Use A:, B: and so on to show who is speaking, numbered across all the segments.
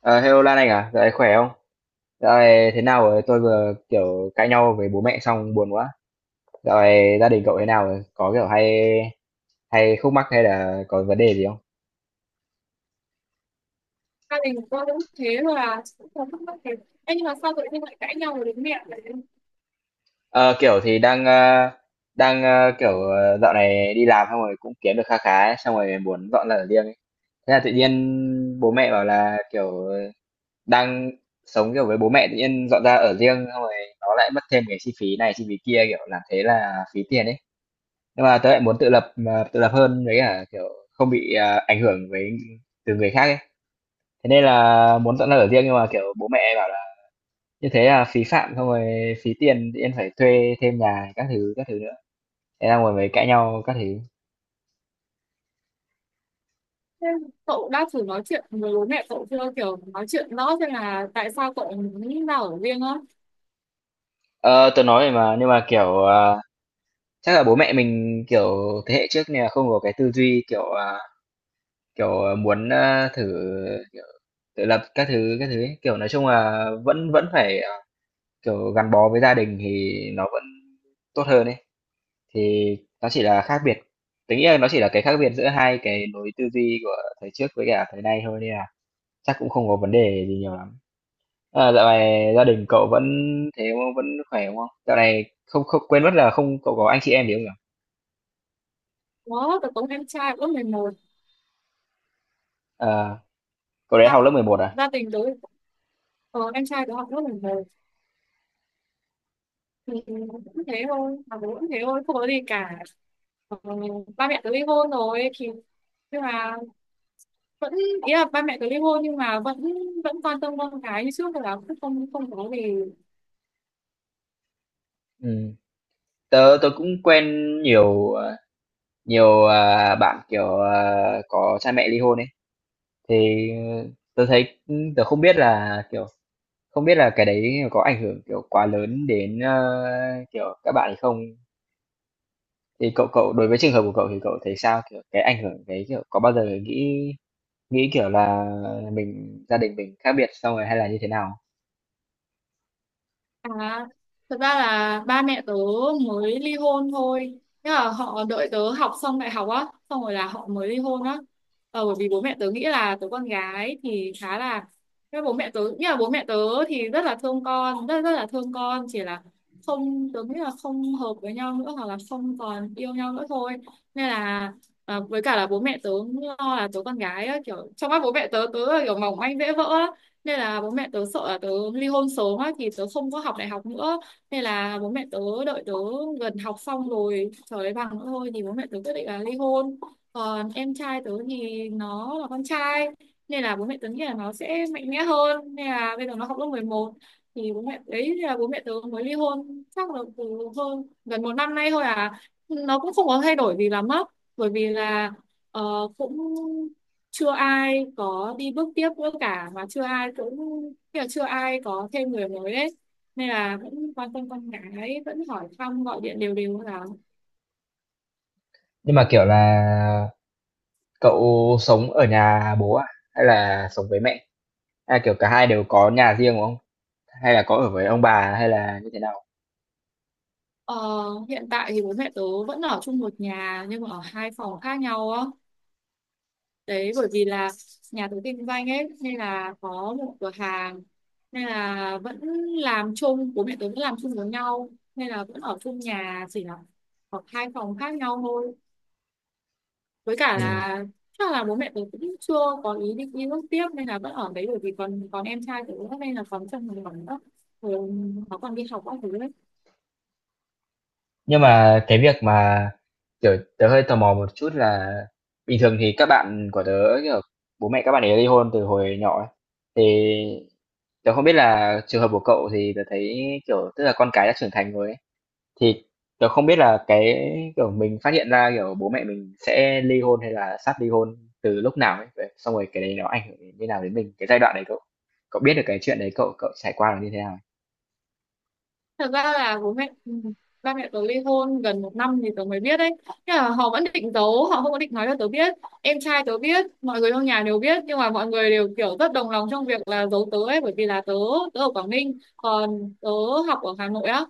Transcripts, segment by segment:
A: Ờ, Hello Lan Anh à, dạo này khỏe không? Dạo này thế nào rồi? Tôi vừa kiểu cãi nhau với bố mẹ xong buồn quá. Dạo này gia đình cậu thế nào rồi? Có kiểu hay hay khúc mắc hay là có vấn đề gì không?
B: Gia đình của tôi cũng thế thôi à, cũng không thắc mắc thế. Ê, nhưng mà sao tự nhiên lại cãi nhau với bố mẹ vậy?
A: Ờ, kiểu thì đang kiểu dạo này đi làm xong rồi cũng kiếm được kha khá ấy, xong rồi muốn dọn ra ở riêng ấy. Thế là tự nhiên bố mẹ bảo là kiểu đang sống kiểu với bố mẹ tự nhiên dọn ra ở riêng, xong rồi nó lại mất thêm cái chi phí này chi phí kia, kiểu làm thế là phí tiền ấy. Nhưng mà tớ lại muốn tự lập, mà tự lập hơn, với cả kiểu không bị ảnh hưởng với từ người khác ấy. Thế nên là muốn dọn ra ở riêng, nhưng mà kiểu bố mẹ bảo là như thế là phí phạm, xong rồi phí tiền tự nhiên phải thuê thêm nhà các thứ nữa. Thế là ngồi mới cãi nhau các thứ.
B: Thế cậu đã thử nói chuyện với bố mẹ cậu chưa, kiểu nói chuyện rõ xem là tại sao cậu muốn ra ở riêng á?
A: Ờ tớ nói rồi mà, nhưng mà kiểu chắc là bố mẹ mình kiểu thế hệ trước nên là không có cái tư duy kiểu, muốn thử kiểu tự lập các thứ ấy. Kiểu nói chung là vẫn vẫn phải kiểu gắn bó với gia đình thì nó vẫn tốt hơn ấy, thì nó chỉ là khác biệt tính nghĩ là nó chỉ là cái khác biệt giữa hai cái lối tư duy của thời trước với cả thời nay thôi nên là chắc cũng không có vấn đề gì nhiều lắm. À, dạo này gia đình cậu vẫn thế không? Vẫn khỏe đúng không? Dạo này không không quên mất là, không cậu có anh chị em gì không nhỉ?
B: Đó, tớ có em trai lớp 11.
A: À, cậu đấy
B: gia,
A: học lớp 11 à?
B: Gia đình tớ, ờ, em trai tớ học lớp 11 thì cũng thế thôi, mà bố cũng thế thôi, không có gì cả. ờ, Ba mẹ tớ ly hôn rồi thì nhưng mà vẫn, ý là ba mẹ tớ ly hôn nhưng mà vẫn, vẫn quan tâm con cái như trước, là cũng không không có gì.
A: Ừ. Tớ tớ cũng quen nhiều ờ, nhiều bạn kiểu có cha mẹ ly hôn ấy. Thì tớ thấy, tớ không biết là cái đấy có ảnh hưởng, kiểu, quá lớn đến, kiểu, các bạn ấy không? Thì cậu cậu đối với trường hợp của cậu thì cậu thấy sao? Kiểu, cái ảnh hưởng đấy, kiểu, có bao giờ nghĩ nghĩ, kiểu là, gia đình mình khác biệt xong rồi hay là như thế nào?
B: À, thật ra là ba mẹ tớ mới ly hôn thôi. Thế là họ đợi tớ học xong đại học á, xong rồi là họ mới ly hôn á. Ờ, bởi vì bố mẹ tớ nghĩ là tớ con gái thì khá là... Thế bố mẹ tớ, nghĩa là bố mẹ tớ thì rất là thương con, rất rất là thương con, chỉ là không, tớ nghĩ là không hợp với nhau nữa hoặc là không còn yêu nhau nữa thôi. Nên là à, với cả là bố mẹ tớ lo là tớ con gái á, kiểu trong mắt bố mẹ tớ, tớ là kiểu mỏng manh dễ vỡ, nên là bố mẹ tớ sợ là tớ ly hôn sớm á thì tớ không có học đại học nữa, nên là bố mẹ tớ đợi tớ gần học xong rồi trở lấy bằng nữa thôi thì bố mẹ tớ quyết định là ly hôn. Còn em trai tớ thì nó là con trai, nên là bố mẹ tớ nghĩ là nó sẽ mạnh mẽ hơn, nên là bây giờ nó học lớp mười một. Thì bố mẹ đấy, là bố mẹ tớ mới ly hôn chắc là từ hơn gần một năm nay thôi à. Nó cũng không có thay đổi gì lắm á, bởi vì là ờ, cũng chưa ai có đi bước tiếp nữa cả, và chưa ai cũng kiểu chưa ai có thêm người mới đấy, nên là vẫn quan tâm con gái, vẫn hỏi thăm gọi điện đều đều là.
A: Nhưng mà, kiểu là, cậu sống ở nhà bố à? Hay là sống với mẹ? Hay là, kiểu, cả hai đều có nhà riêng, đúng không? Hay là có ở với ông bà hay là như thế nào?
B: Ờ, hiện tại thì bố mẹ tớ vẫn ở chung một nhà nhưng mà ở hai phòng khác nhau á. Đấy, bởi vì là nhà tớ kinh doanh ấy nên là có một cửa hàng, nên là vẫn làm chung, bố mẹ tớ vẫn làm chung với nhau, nên là vẫn ở chung nhà, chỉ là ở hai phòng khác nhau thôi. Với cả là chắc là bố mẹ tớ cũng chưa có ý định đi nước tiếp, nên là vẫn ở đấy, bởi vì còn còn em trai tớ nữa nên là còn trong một khoảng nữa, rồi nó còn đi học các thứ đấy.
A: Nhưng mà cái việc mà, kiểu, tớ hơi tò mò một chút là bình thường thì các bạn của tớ, kiểu, bố mẹ các bạn ấy ly hôn từ hồi nhỏ ấy, thì tớ không biết là trường hợp của cậu thì tớ thấy, kiểu, tức là con cái đã trưởng thành rồi ấy, thì tớ không biết là cái, kiểu, mình phát hiện ra, kiểu, bố mẹ mình sẽ ly hôn hay là sắp ly hôn từ lúc nào ấy, vậy xong rồi cái đấy nó ảnh hưởng như nào đến mình, cái giai đoạn đấy cậu cậu biết được cái chuyện đấy cậu cậu trải qua là như thế nào?
B: Thật ra là bố mẹ ba mẹ tớ ly hôn gần một năm thì tớ mới biết đấy. Nhưng mà họ vẫn định giấu, họ không có định nói cho tớ biết. Em trai tớ biết, mọi người trong nhà đều biết, nhưng mà mọi người đều kiểu rất đồng lòng trong việc là giấu tớ ấy, bởi vì là tớ tớ ở Quảng Ninh, còn tớ học ở Hà Nội á.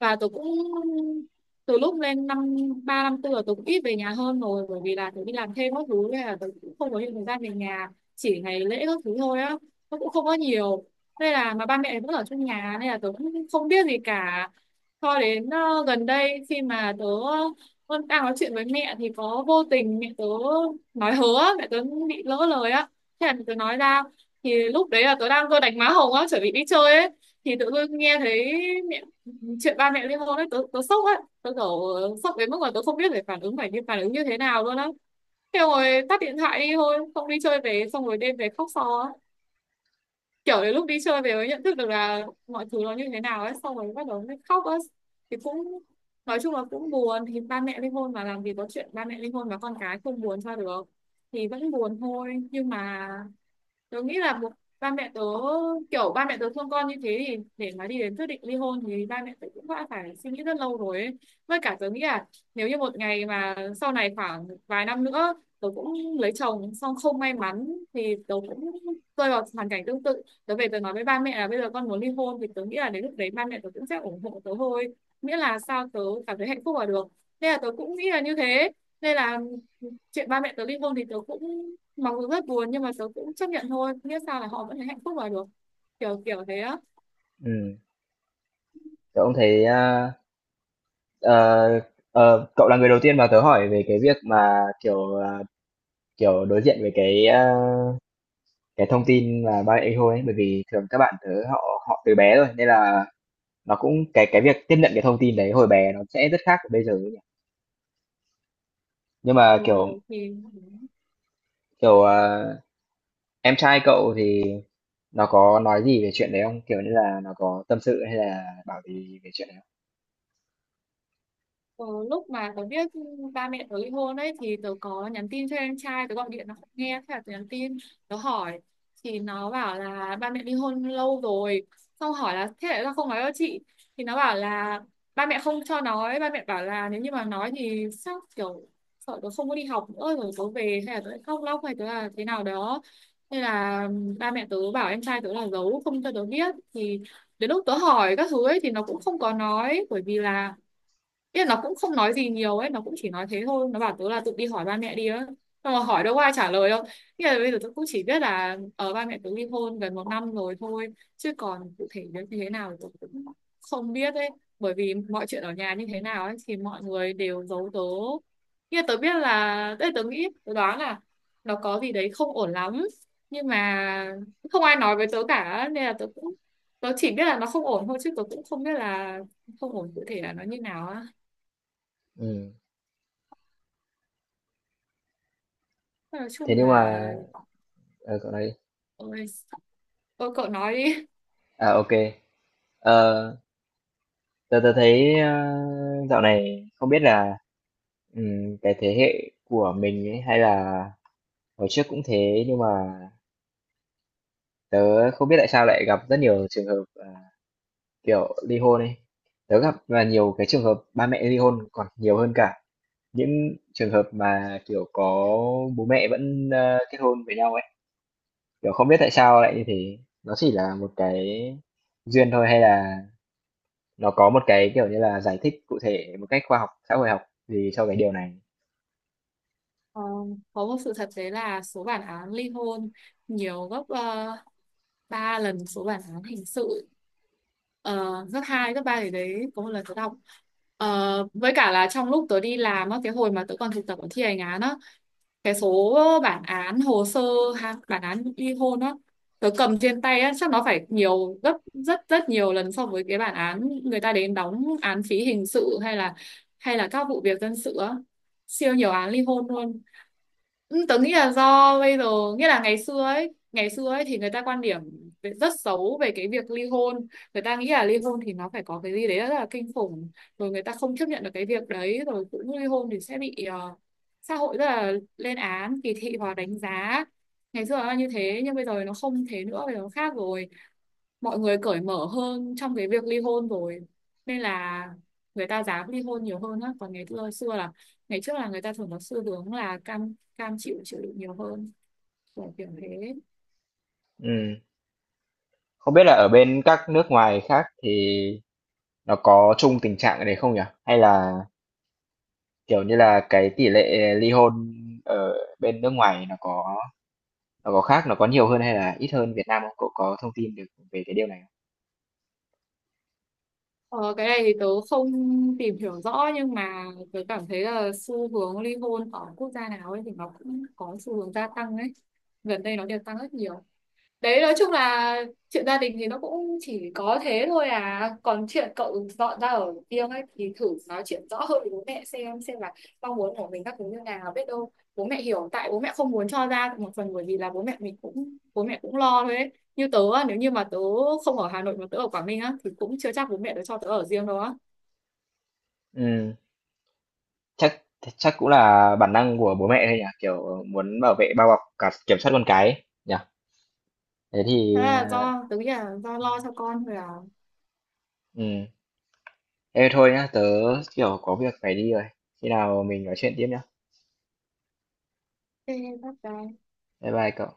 B: Và tôi cũng từ lúc lên năm ba năm tư là tôi cũng ít về nhà hơn rồi, bởi vì là tôi đi làm thêm các thứ nên là tôi cũng không có nhiều thời gian về nhà, chỉ ngày lễ các thứ thôi á, nó cũng không có nhiều. Nên là mà ba mẹ vẫn ở trong nhà nên là tôi cũng không biết gì cả, cho đến gần đây khi mà tớ vẫn đang nói chuyện với mẹ thì có vô tình mẹ tớ nói hớ á, mẹ tớ bị lỡ lời á, thế là mẹ tớ nói ra. Thì lúc đấy là tớ đang vừa đánh má hồng á, chuẩn bị đi chơi ấy, thì tự dưng nghe thấy chuyện ba mẹ ly hôn ấy, tớ sốc ấy. Tớ kiểu sốc đến mức mà tớ không biết phải phản ứng như thế nào luôn á. Thế rồi tắt điện thoại đi thôi, không đi chơi về, xong rồi đêm về khóc so á. Kiểu đến lúc đi chơi về mới nhận thức được là mọi thứ nó như thế nào ấy, xong rồi bắt đầu mới khóc á. Thì cũng nói chung là cũng buồn, thì ba mẹ ly hôn mà làm gì có chuyện ba mẹ ly hôn và con cái không buồn cho được. Thì vẫn buồn thôi, nhưng mà tớ nghĩ là một ba mẹ tớ, kiểu ba mẹ tớ thương con như thế, thì để mà đi đến quyết định ly hôn thì ba mẹ tớ cũng đã phải suy nghĩ rất lâu rồi ấy. Với cả tớ nghĩ là nếu như một ngày mà sau này khoảng vài năm nữa tớ cũng lấy chồng xong không may mắn, thì tớ cũng rơi vào hoàn cảnh tương tự, tớ về tớ nói với ba mẹ là bây giờ con muốn ly hôn, thì tớ nghĩ là đến lúc đấy ba mẹ tớ cũng sẽ ủng hộ tớ thôi, miễn là sao tớ cảm thấy hạnh phúc là được. Nên là tớ cũng nghĩ là như thế, nên là chuyện ba mẹ tớ ly hôn thì tớ cũng mặc dù rất buồn, nhưng mà tớ cũng chấp nhận thôi, biết sao, là họ vẫn thấy hạnh phúc là được, kiểu kiểu thế á.
A: Ừm, Tớ cũng thấy, ờ, Ờ, cậu là người đầu tiên mà tớ hỏi về cái việc mà kiểu kiểu đối diện với cái thông tin là ba mẹ thôi ấy, bởi vì thường các bạn tớ họ họ từ bé rồi nên là nó cũng cái việc tiếp nhận cái thông tin đấy hồi bé nó sẽ rất khác với bây giờ ấy nhỉ. Nhưng mà
B: Ừ,
A: kiểu
B: thì
A: kiểu à, em trai cậu thì nó có nói gì về chuyện đấy không? Kiểu như là nó có tâm sự hay là bảo gì về chuyện đấy không?
B: Ờ, lúc mà tớ biết ba mẹ tớ ly hôn ấy thì tớ có nhắn tin cho em trai tớ, gọi điện nó không nghe, thế là tớ nhắn tin, tớ hỏi. Thì nó bảo là ba mẹ ly hôn lâu rồi. Xong hỏi là thế tại sao không nói với chị, thì nó bảo là ba mẹ không cho nói, ba mẹ bảo là nếu như mà nói thì sao, kiểu sợ tớ không có đi học nữa rồi tớ về, hay là tớ lại khóc lóc, hay tớ là thế nào đó. Nên là ba mẹ tớ bảo em trai tớ là giấu không cho tớ biết. Thì đến lúc tớ hỏi các thứ ấy thì nó cũng không có nói, bởi vì là ý là nó cũng không nói gì nhiều ấy, nó cũng chỉ nói thế thôi, nó bảo tớ là tự đi hỏi ba mẹ đi á, xong rồi hỏi đâu có ai trả lời đâu. Ý là bây giờ tớ cũng chỉ biết là ở ba mẹ tớ ly hôn gần một năm rồi thôi, chứ còn cụ thể đến như thế nào thì tớ cũng không biết ấy, bởi vì mọi chuyện ở nhà như thế nào ấy thì mọi người đều giấu tớ. Ý là tớ biết là tớ nghĩ tớ đoán là nó có gì đấy không ổn lắm, nhưng mà không ai nói với tớ cả, nên là tớ cũng tớ chỉ biết là nó không ổn thôi, chứ tớ cũng không biết là không ổn cụ thể là nó như nào á.
A: Ừ.
B: Nói
A: Thế
B: chung
A: nhưng
B: là
A: mà cậu nói đi.
B: ôi, ôi cậu nói đi.
A: À, ok. Ờ, tớ tớ thấy dạo này không biết là cái thế hệ của mình ấy, hay là hồi trước cũng thế nhưng mà tớ không biết tại sao lại gặp rất nhiều trường hợp kiểu ly hôn ấy. Tớ gặp là nhiều cái trường hợp ba mẹ ly hôn còn nhiều hơn cả những trường hợp mà kiểu có bố mẹ vẫn kết hôn với nhau ấy. Kiểu không biết tại sao lại như thế. Nó chỉ là một cái duyên thôi hay là nó có một cái kiểu như là giải thích cụ thể một cách khoa học, xã hội học gì cho cái điều này.
B: Ờ, có một sự thật đấy là số bản án ly hôn nhiều gấp 3 lần số bản án hình sự, uh, gấp 2, gấp 3. Thì đấy có một lần tớ đọc. Ờ, với cả là trong lúc tớ đi làm á, cái hồi mà tớ còn thực tập ở thi hành án á, cái số bản án hồ sơ, ha, bản án ly hôn á tớ cầm trên tay á, chắc nó phải nhiều gấp rất rất nhiều lần so với cái bản án người ta đến đóng án phí hình sự, hay là các vụ việc dân sự á, siêu nhiều án ly hôn luôn. Ừ, tớ nghĩ là do bây giờ, nghĩa là ngày xưa ấy thì người ta quan điểm rất xấu về cái việc ly hôn. Người ta nghĩ là ly hôn thì nó phải có cái gì đấy rất là kinh khủng, rồi người ta không chấp nhận được cái việc đấy, rồi cũng ly hôn thì sẽ bị xã hội rất là lên án, kỳ thị và đánh giá. Ngày xưa là như thế, nhưng bây giờ nó không thế nữa, bây giờ nó khác rồi, mọi người cởi mở hơn trong cái việc ly hôn rồi, nên là người ta dám ly hôn nhiều hơn á. Còn ngày xưa xưa là ngày trước là người ta thường có xu hướng là cam cam chịu chịu đựng nhiều hơn, kiểu kiểu thế.
A: Ừm, Không biết là ở bên các nước ngoài khác thì nó có chung tình trạng cái đấy không nhỉ? Hay là, kiểu như là, cái tỷ lệ ly hôn ở bên nước ngoài nó có khác, nó có nhiều hơn hay là ít hơn Việt Nam không? Cậu có thông tin được về cái điều này không?
B: Ờ, cái này thì tớ không tìm hiểu rõ, nhưng mà tớ cảm thấy là xu hướng ly hôn ở quốc gia nào ấy thì nó cũng có xu hướng gia tăng ấy, gần đây nó đều tăng rất nhiều. Đấy, nói chung là chuyện gia đình thì nó cũng chỉ có thế thôi à. Còn chuyện cậu dọn ra ở riêng ấy thì thử nói chuyện rõ hơn với bố mẹ xem là mong muốn của mình các thứ như nào, biết đâu bố mẹ hiểu. Tại bố mẹ không muốn cho ra một phần bởi vì là bố mẹ mình cũng bố mẹ cũng lo thôi ấy, như tớ á, nếu như mà tớ không ở Hà Nội mà tớ ở Quảng Ninh á thì cũng chưa chắc bố mẹ tớ cho tớ ở riêng đâu á.
A: Ừ, chắc chắc cũng là bản năng của bố mẹ thôi nhỉ? Kiểu muốn bảo vệ, bao bọc, cả kiểm soát con cái ấy, nhỉ? Thế thì,
B: Thế là do tớ nghĩ là do lo cho con rồi à.
A: ừ, ê thôi nhá, tớ, kiểu, có việc phải đi rồi. Khi nào mình nói chuyện tiếp nhá.
B: Thế bye bye.
A: Bye bye cậu.